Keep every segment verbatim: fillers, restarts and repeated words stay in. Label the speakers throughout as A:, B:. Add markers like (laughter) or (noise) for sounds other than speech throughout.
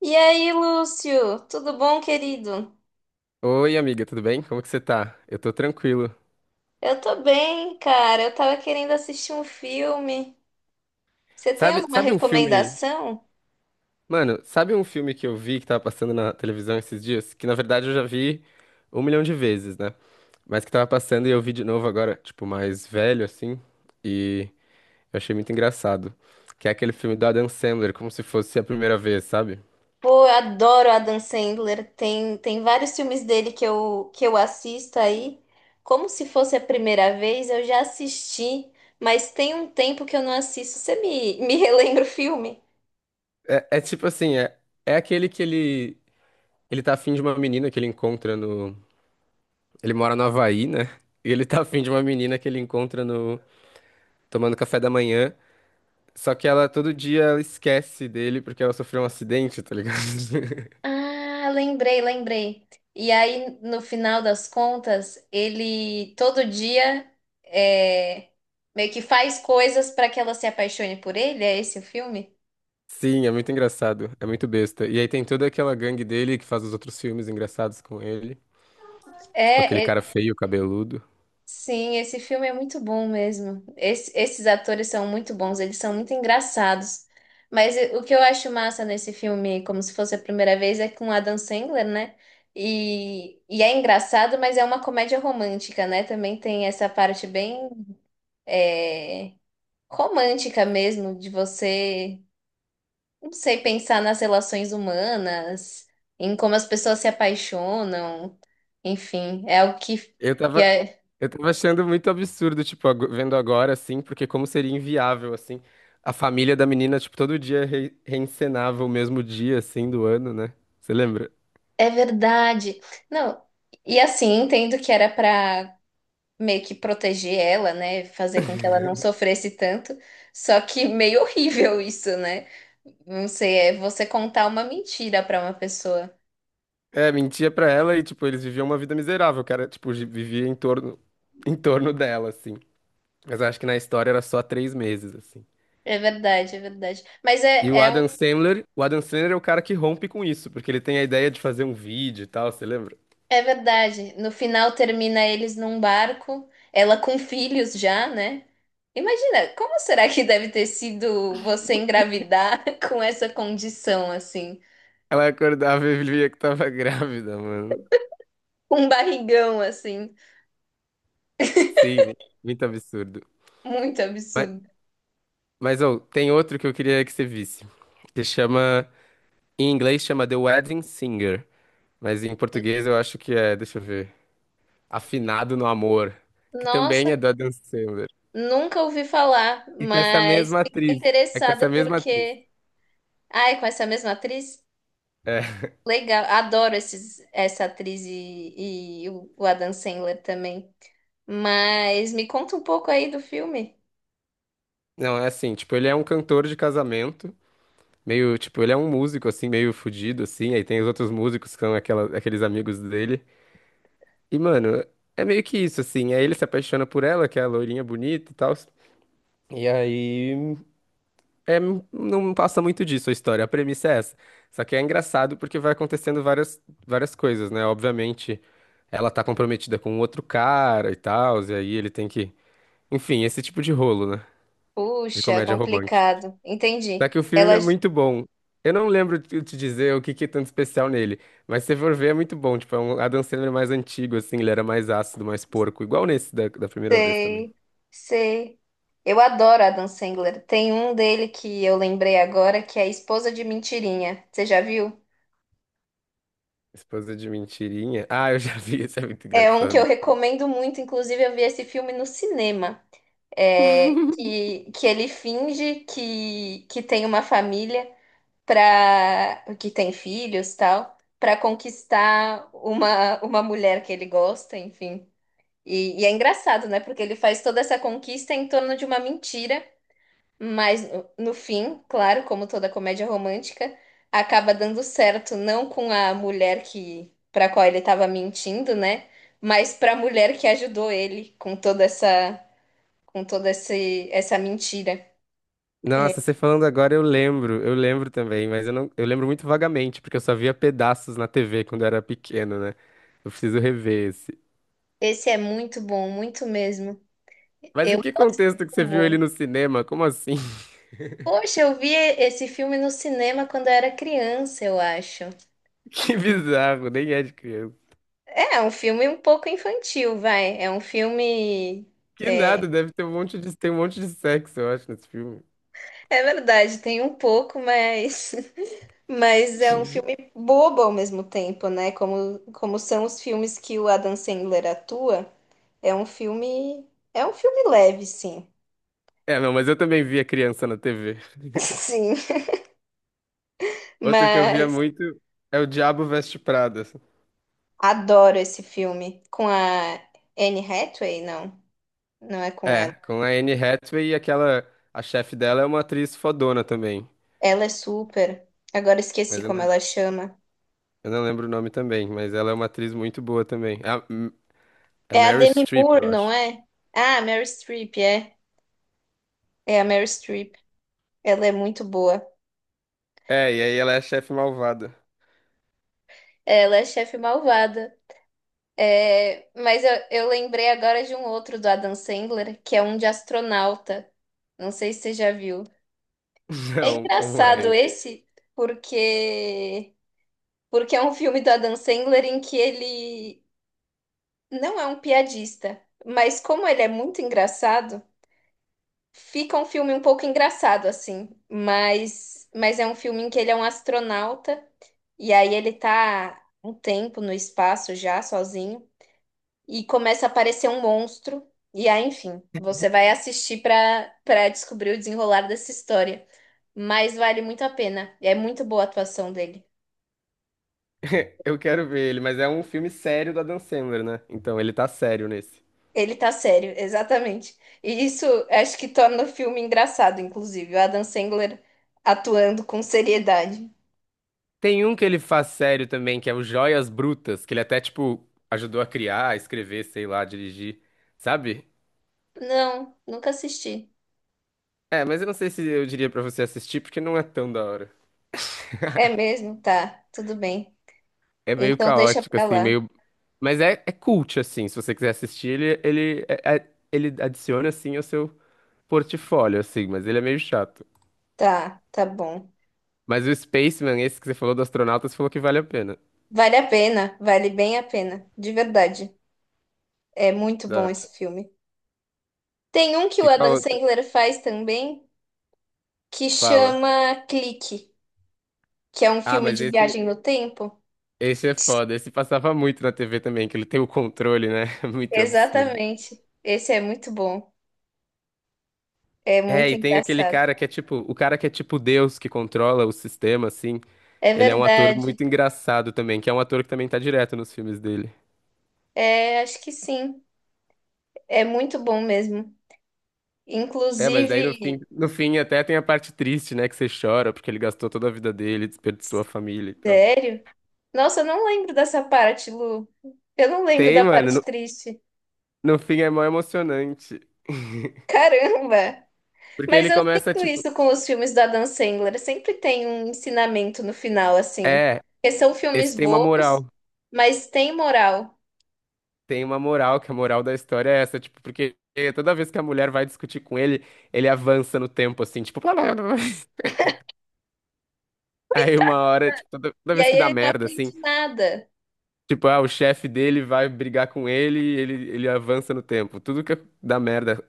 A: E aí, Lúcio, tudo bom, querido?
B: Oi, amiga, tudo bem? Como que você tá? Eu tô tranquilo.
A: Eu tô bem, cara. Eu tava querendo assistir um filme. Você tem
B: Sabe,
A: alguma
B: sabe um filme,
A: recomendação?
B: mano, sabe um filme que eu vi que tava passando na televisão esses dias? Que na verdade eu já vi um milhão de vezes, né? Mas que tava passando e eu vi de novo agora, tipo, mais velho assim, e eu achei muito engraçado. Que é aquele filme do Adam Sandler, como se fosse a primeira vez, sabe?
A: Pô, eu adoro Adam Sandler. Tem, tem vários filmes dele que eu, que eu assisto aí. Como se fosse a primeira vez, eu já assisti, mas tem um tempo que eu não assisto. Você me, (laughs) me relembra o filme?
B: É, é tipo assim, é, é aquele que ele, ele tá afim de uma menina que ele encontra no. Ele mora no Havaí, né? E ele tá afim de uma menina que ele encontra no. Tomando café da manhã. Só que ela todo dia ela esquece dele porque ela sofreu um acidente, tá ligado? (laughs)
A: Ah, lembrei, lembrei. E aí, no final das contas, ele todo dia é, meio que faz coisas para que ela se apaixone por ele. É esse o filme?
B: Sim, é muito engraçado, é muito besta. E aí tem toda aquela gangue dele que faz os outros filmes engraçados com ele, tipo aquele
A: É, é-
B: cara feio, cabeludo.
A: sim, esse filme é muito bom mesmo. Esse- esses atores são muito bons, eles são muito engraçados. Mas e- o que eu acho massa nesse filme, como se fosse a primeira vez, é com Adam Sandler, né? E, e é engraçado, mas é uma comédia romântica, né? Também tem essa parte bem é, romântica mesmo, de você, não sei, pensar nas relações humanas, em como as pessoas se apaixonam, enfim, é algo que,
B: Eu
A: que
B: tava,
A: é,
B: eu tava achando muito absurdo, tipo, ago- vendo agora assim, porque como seria inviável assim, a família da menina, tipo, todo dia re reencenava o mesmo dia assim do ano, né? Você lembra?
A: é verdade. Não, e assim, entendo que era para meio que proteger ela, né, fazer com que ela não sofresse tanto, só que (laughs) meio horrível isso, né? Não sei, é você contar uma mentira para uma pessoa.
B: É, mentia pra ela e tipo, eles viviam uma vida miserável, o cara, tipo, gi- vivia em torno em torno dela assim. Mas eu acho que na história era só três meses, assim.
A: É verdade, é verdade. Mas é,
B: E o
A: é
B: Adam Sandler, o Adam Sandler é o cara que rompe com isso, porque ele tem a ideia de fazer um vídeo e tal, você lembra?
A: É verdade. No final termina eles num barco, ela com filhos já, né? Imagina, como será que deve ter sido você engravidar (laughs) com essa condição assim,
B: Ela acordava e via que tava (laughs) grávida, mano.
A: com um barrigão assim,
B: Sim, muito absurdo.
A: muito
B: Mas,
A: absurdo.
B: mas ô, tem outro que eu queria que você visse, que chama, em inglês chama The Wedding Singer, mas em português eu acho que é, deixa eu ver, Afinado no Amor, que também
A: Nossa,
B: é do Adam Sandler.
A: nunca ouvi falar,
B: E com essa
A: mas
B: mesma
A: fiquei
B: atriz, é com
A: interessada
B: essa mesma atriz.
A: porque, ai, com essa mesma atriz,
B: É.
A: legal. Adoro esses, essa atriz e, e o o Adam Sandler também. Mas me conta um pouco aí do filme.
B: Não, é assim, tipo, ele é um cantor de casamento, meio, tipo, ele é um músico, assim, meio fudido, assim, aí tem os outros músicos que são aquela, aqueles amigos dele. E, mano, é meio que isso, assim, aí ele se apaixona por ela, que é a loirinha bonita e tal. E aí, é, não passa muito disso a história, a premissa é essa. Só que é engraçado porque vai acontecendo várias, várias coisas, né? Obviamente, ela tá comprometida com um outro cara e tal, e aí ele tem que... Enfim, esse tipo de rolo, né? De
A: Puxa, é
B: comédia romântica.
A: complicado. Entendi.
B: Só que o filme é
A: Elas
B: muito bom. Eu não lembro te te dizer o que que é tanto especial nele, mas se você for ver é muito bom. Tipo, é um Adam Sandler mais antigo, assim, ele era mais ácido, mais porco, igual nesse da, da primeira vez também.
A: sei, sei. Eu adoro Adam Sandler. Tem um dele que eu lembrei agora que é Esposa de Mentirinha. Você já viu?
B: Esposa de mentirinha. Ah, eu já vi, (laughs) isso é muito
A: É um que eu
B: engraçado.
A: recomendo muito. Inclusive, eu vi esse filme no cinema. É, que, que ele finge que, que tem uma família para que tem filhos, tal, para conquistar uma, uma mulher que ele gosta, enfim. E, e é engraçado, né? Porque ele faz toda essa conquista em torno de uma mentira, mas no, no fim, claro, como toda comédia romântica, acaba dando certo, não com a mulher que para qual ele estava mentindo, né? Mas para a mulher que ajudou ele com toda essa com toda esse, essa mentira. É,
B: Nossa, você falando agora eu lembro, eu lembro também, mas eu não, eu lembro muito vagamente, porque eu só via pedaços na T V quando eu era pequeno, né? Eu preciso rever esse.
A: esse é muito bom, muito mesmo.
B: Mas em
A: Eu
B: que
A: gosto
B: contexto que
A: do
B: você viu ele
A: humor.
B: no cinema? Como assim? (laughs)
A: Poxa, eu vi esse filme no cinema quando eu era criança, eu acho.
B: Que bizarro, nem é de criança.
A: É, é um filme um pouco infantil, vai. É um filme.
B: Que
A: É,
B: nada, deve ter um monte de, tem um monte de sexo, eu acho, nesse filme.
A: é verdade, tem um pouco, mas. (laughs) Mas é um filme bobo ao mesmo tempo, né? Como, como são os filmes que o Adam Sandler atua. É um filme. É um filme leve, sim.
B: É, não, mas eu também via criança na T V.
A: (laughs)
B: (laughs)
A: Sim.
B: Outro que eu via
A: Mas
B: muito é O Diabo Veste Prada.
A: adoro esse filme. Com a Anne Hathaway, não. Não é com
B: É,
A: ela.
B: com a Anne Hathaway e aquela. A chefe dela é uma atriz fodona também.
A: Ela é super. Agora esqueci
B: Mas eu
A: como
B: não,
A: ela chama.
B: eu não lembro o nome também. Mas ela é uma atriz muito boa também. É, a- é
A: É a
B: Mary
A: Demi
B: Streep,
A: Moore,
B: eu
A: não
B: acho.
A: é? Ah, Meryl Streep, é. É a Meryl Streep. Ela é muito boa.
B: É, e aí ela é a chefe malvada.
A: Ela é chefe malvada. É, mas eu, eu lembrei agora de um outro do Adam Sandler, que é um de astronauta. Não sei se você já viu.
B: (laughs)
A: É
B: Não, como
A: engraçado
B: é?
A: esse, porque porque é um filme do Adam Sandler em que ele não é um piadista, mas como ele é muito engraçado, fica um filme um pouco engraçado, assim, mas, mas é um filme em que ele é um astronauta, e aí ele tá um tempo no espaço já, sozinho, e começa a aparecer um monstro, e aí, enfim, você vai assistir pra para descobrir o desenrolar dessa história. Mas vale muito a pena, e é muito boa a atuação dele.
B: (laughs) Eu quero ver ele, mas é um filme sério do Adam Sandler, né? Então ele tá sério nesse.
A: Ele tá sério, (laughs) exatamente. E isso acho que torna o filme engraçado, inclusive, o Adam Sandler atuando com seriedade.
B: Tem um que ele faz sério também, que é o Joias Brutas, que ele até, tipo, ajudou a criar, a escrever, sei lá, dirigir, sabe?
A: Não, nunca assisti.
B: É, mas eu não sei se eu diria pra você assistir, porque não é tão da hora.
A: É mesmo? Tá, tudo bem.
B: É meio
A: Então deixa
B: caótico,
A: pra
B: assim,
A: lá.
B: meio. Mas é, é cult, assim, se você quiser assistir, ele, ele, é- é- ele adiciona, assim, ao seu portfólio, assim, mas ele é meio chato.
A: Tá, tá bom.
B: Mas o Spaceman, esse que você falou do astronauta, você falou que vale a pena.
A: Vale a pena, vale bem a pena, de verdade. É muito bom
B: Da-
A: esse filme. Tem um que o
B: E qual
A: Adam
B: outro?
A: Sandler faz também, que
B: Fala.
A: chama Clique, que é um
B: Ah,
A: filme
B: mas
A: de
B: esse.
A: viagem no tempo.
B: Esse é foda, esse passava muito na T V também, que ele tem o controle, né? (laughs) Muito absurdo.
A: Exatamente. Esse é muito bom. É
B: É,
A: muito
B: e tem aquele
A: engraçado.
B: cara que é tipo, o cara que é tipo Deus, que controla o sistema, assim.
A: É
B: Ele é um ator muito
A: verdade.
B: engraçado também, que é um ator que também tá direto nos filmes dele.
A: É, acho que sim. É muito bom mesmo.
B: É, mas daí no fim,
A: Inclusive,
B: no fim até tem a parte triste, né? Que você chora, porque ele gastou toda a vida dele, desperdiçou a família e tal.
A: sério? Nossa, eu não lembro dessa parte, Lu. Eu não lembro
B: Tem,
A: da
B: mano,
A: parte
B: no,
A: triste.
B: no fim é mó emocionante. (laughs)
A: Caramba!
B: Porque
A: Mas
B: ele
A: eu
B: começa,
A: sinto
B: tipo,
A: isso com os filmes do Adam Sandler. Sempre tem um ensinamento no final, assim.
B: é,
A: Porque são
B: esse
A: filmes
B: tem uma
A: bobos,
B: moral.
A: mas tem moral.
B: Tem uma moral, que a moral da história é essa, tipo, porque toda vez que a mulher vai discutir com ele, ele avança no tempo, assim, tipo, blá, blá, blá, blá. Aí uma
A: Coitado.
B: hora, tipo, toda, toda
A: E
B: vez
A: aí
B: que dá
A: ele não
B: merda, assim,
A: aprende nada.
B: tipo, ah, o chefe dele vai brigar com ele e ele, ele avança no tempo. Tudo que dá merda,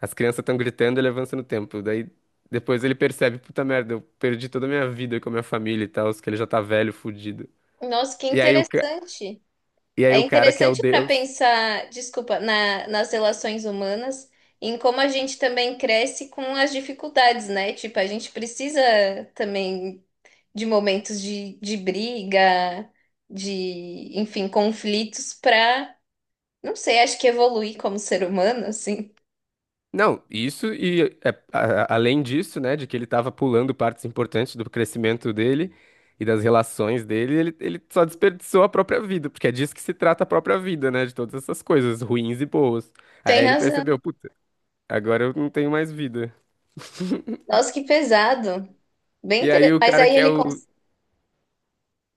B: as crianças estão gritando, ele avança no tempo. Daí depois ele percebe, puta merda, eu perdi toda a minha vida com a minha família e tal, que ele já tá velho, fudido.
A: Nossa, que
B: E aí o, ca-
A: interessante.
B: e aí
A: É
B: o cara que é o
A: interessante para
B: Deus.
A: pensar, desculpa, na- nas relações humanas, em como a gente também cresce com as dificuldades, né? Tipo, a gente precisa também de momentos de, de briga, de, enfim, conflitos para, não sei, acho que evoluir como ser humano, assim.
B: Não, isso e é, a- a- além disso, né, de que ele estava pulando partes importantes do crescimento dele e das relações dele, ele, ele só desperdiçou a própria vida, porque é disso que se trata a própria vida, né, de todas essas coisas ruins e boas.
A: Tem
B: Aí ele percebeu,
A: razão.
B: puta, agora eu não tenho mais vida.
A: Nossa, que pesado. Bem
B: E aí
A: interessante.
B: o
A: Mas
B: cara
A: aí
B: que é
A: ele,
B: o
A: cons-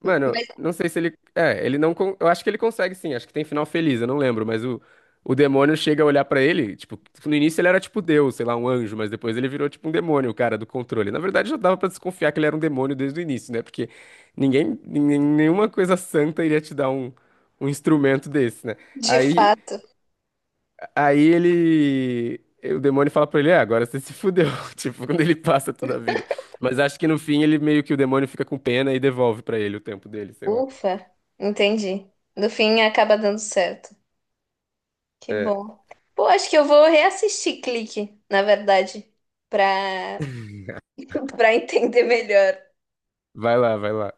B: Mano,
A: mas
B: não sei se ele. É, ele não. con- Eu acho que ele consegue sim, acho que tem final feliz, eu não lembro, mas o, o demônio chega a olhar pra ele, tipo, no início ele era tipo Deus, sei lá, um anjo, mas depois ele virou tipo um demônio, o cara do controle. Na verdade já dava pra desconfiar que ele era um demônio desde o início, né? Porque ninguém, ninguém- nenhuma coisa santa iria te dar um, um instrumento desse, né?
A: de
B: Aí,
A: fato,
B: aí ele. O demônio fala pra ele, é, agora você se fudeu, (laughs) tipo, quando ele passa toda a vida. Mas acho que no fim ele meio que o demônio fica com pena e devolve pra ele o tempo dele, sei lá.
A: ufa, entendi. No fim acaba dando certo. Que
B: É,
A: bom. Pô, acho que eu vou reassistir Clique, na verdade, pra, (laughs) pra entender melhor.
B: vai lá, vai lá.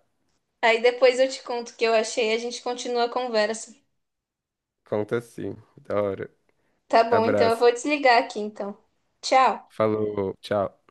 A: Aí depois eu te conto o que eu achei e a gente continua a conversa.
B: Conta sim. Da hora.
A: Tá bom, então eu
B: Abraço.
A: vou desligar aqui então. Tchau.
B: Falou, tchau.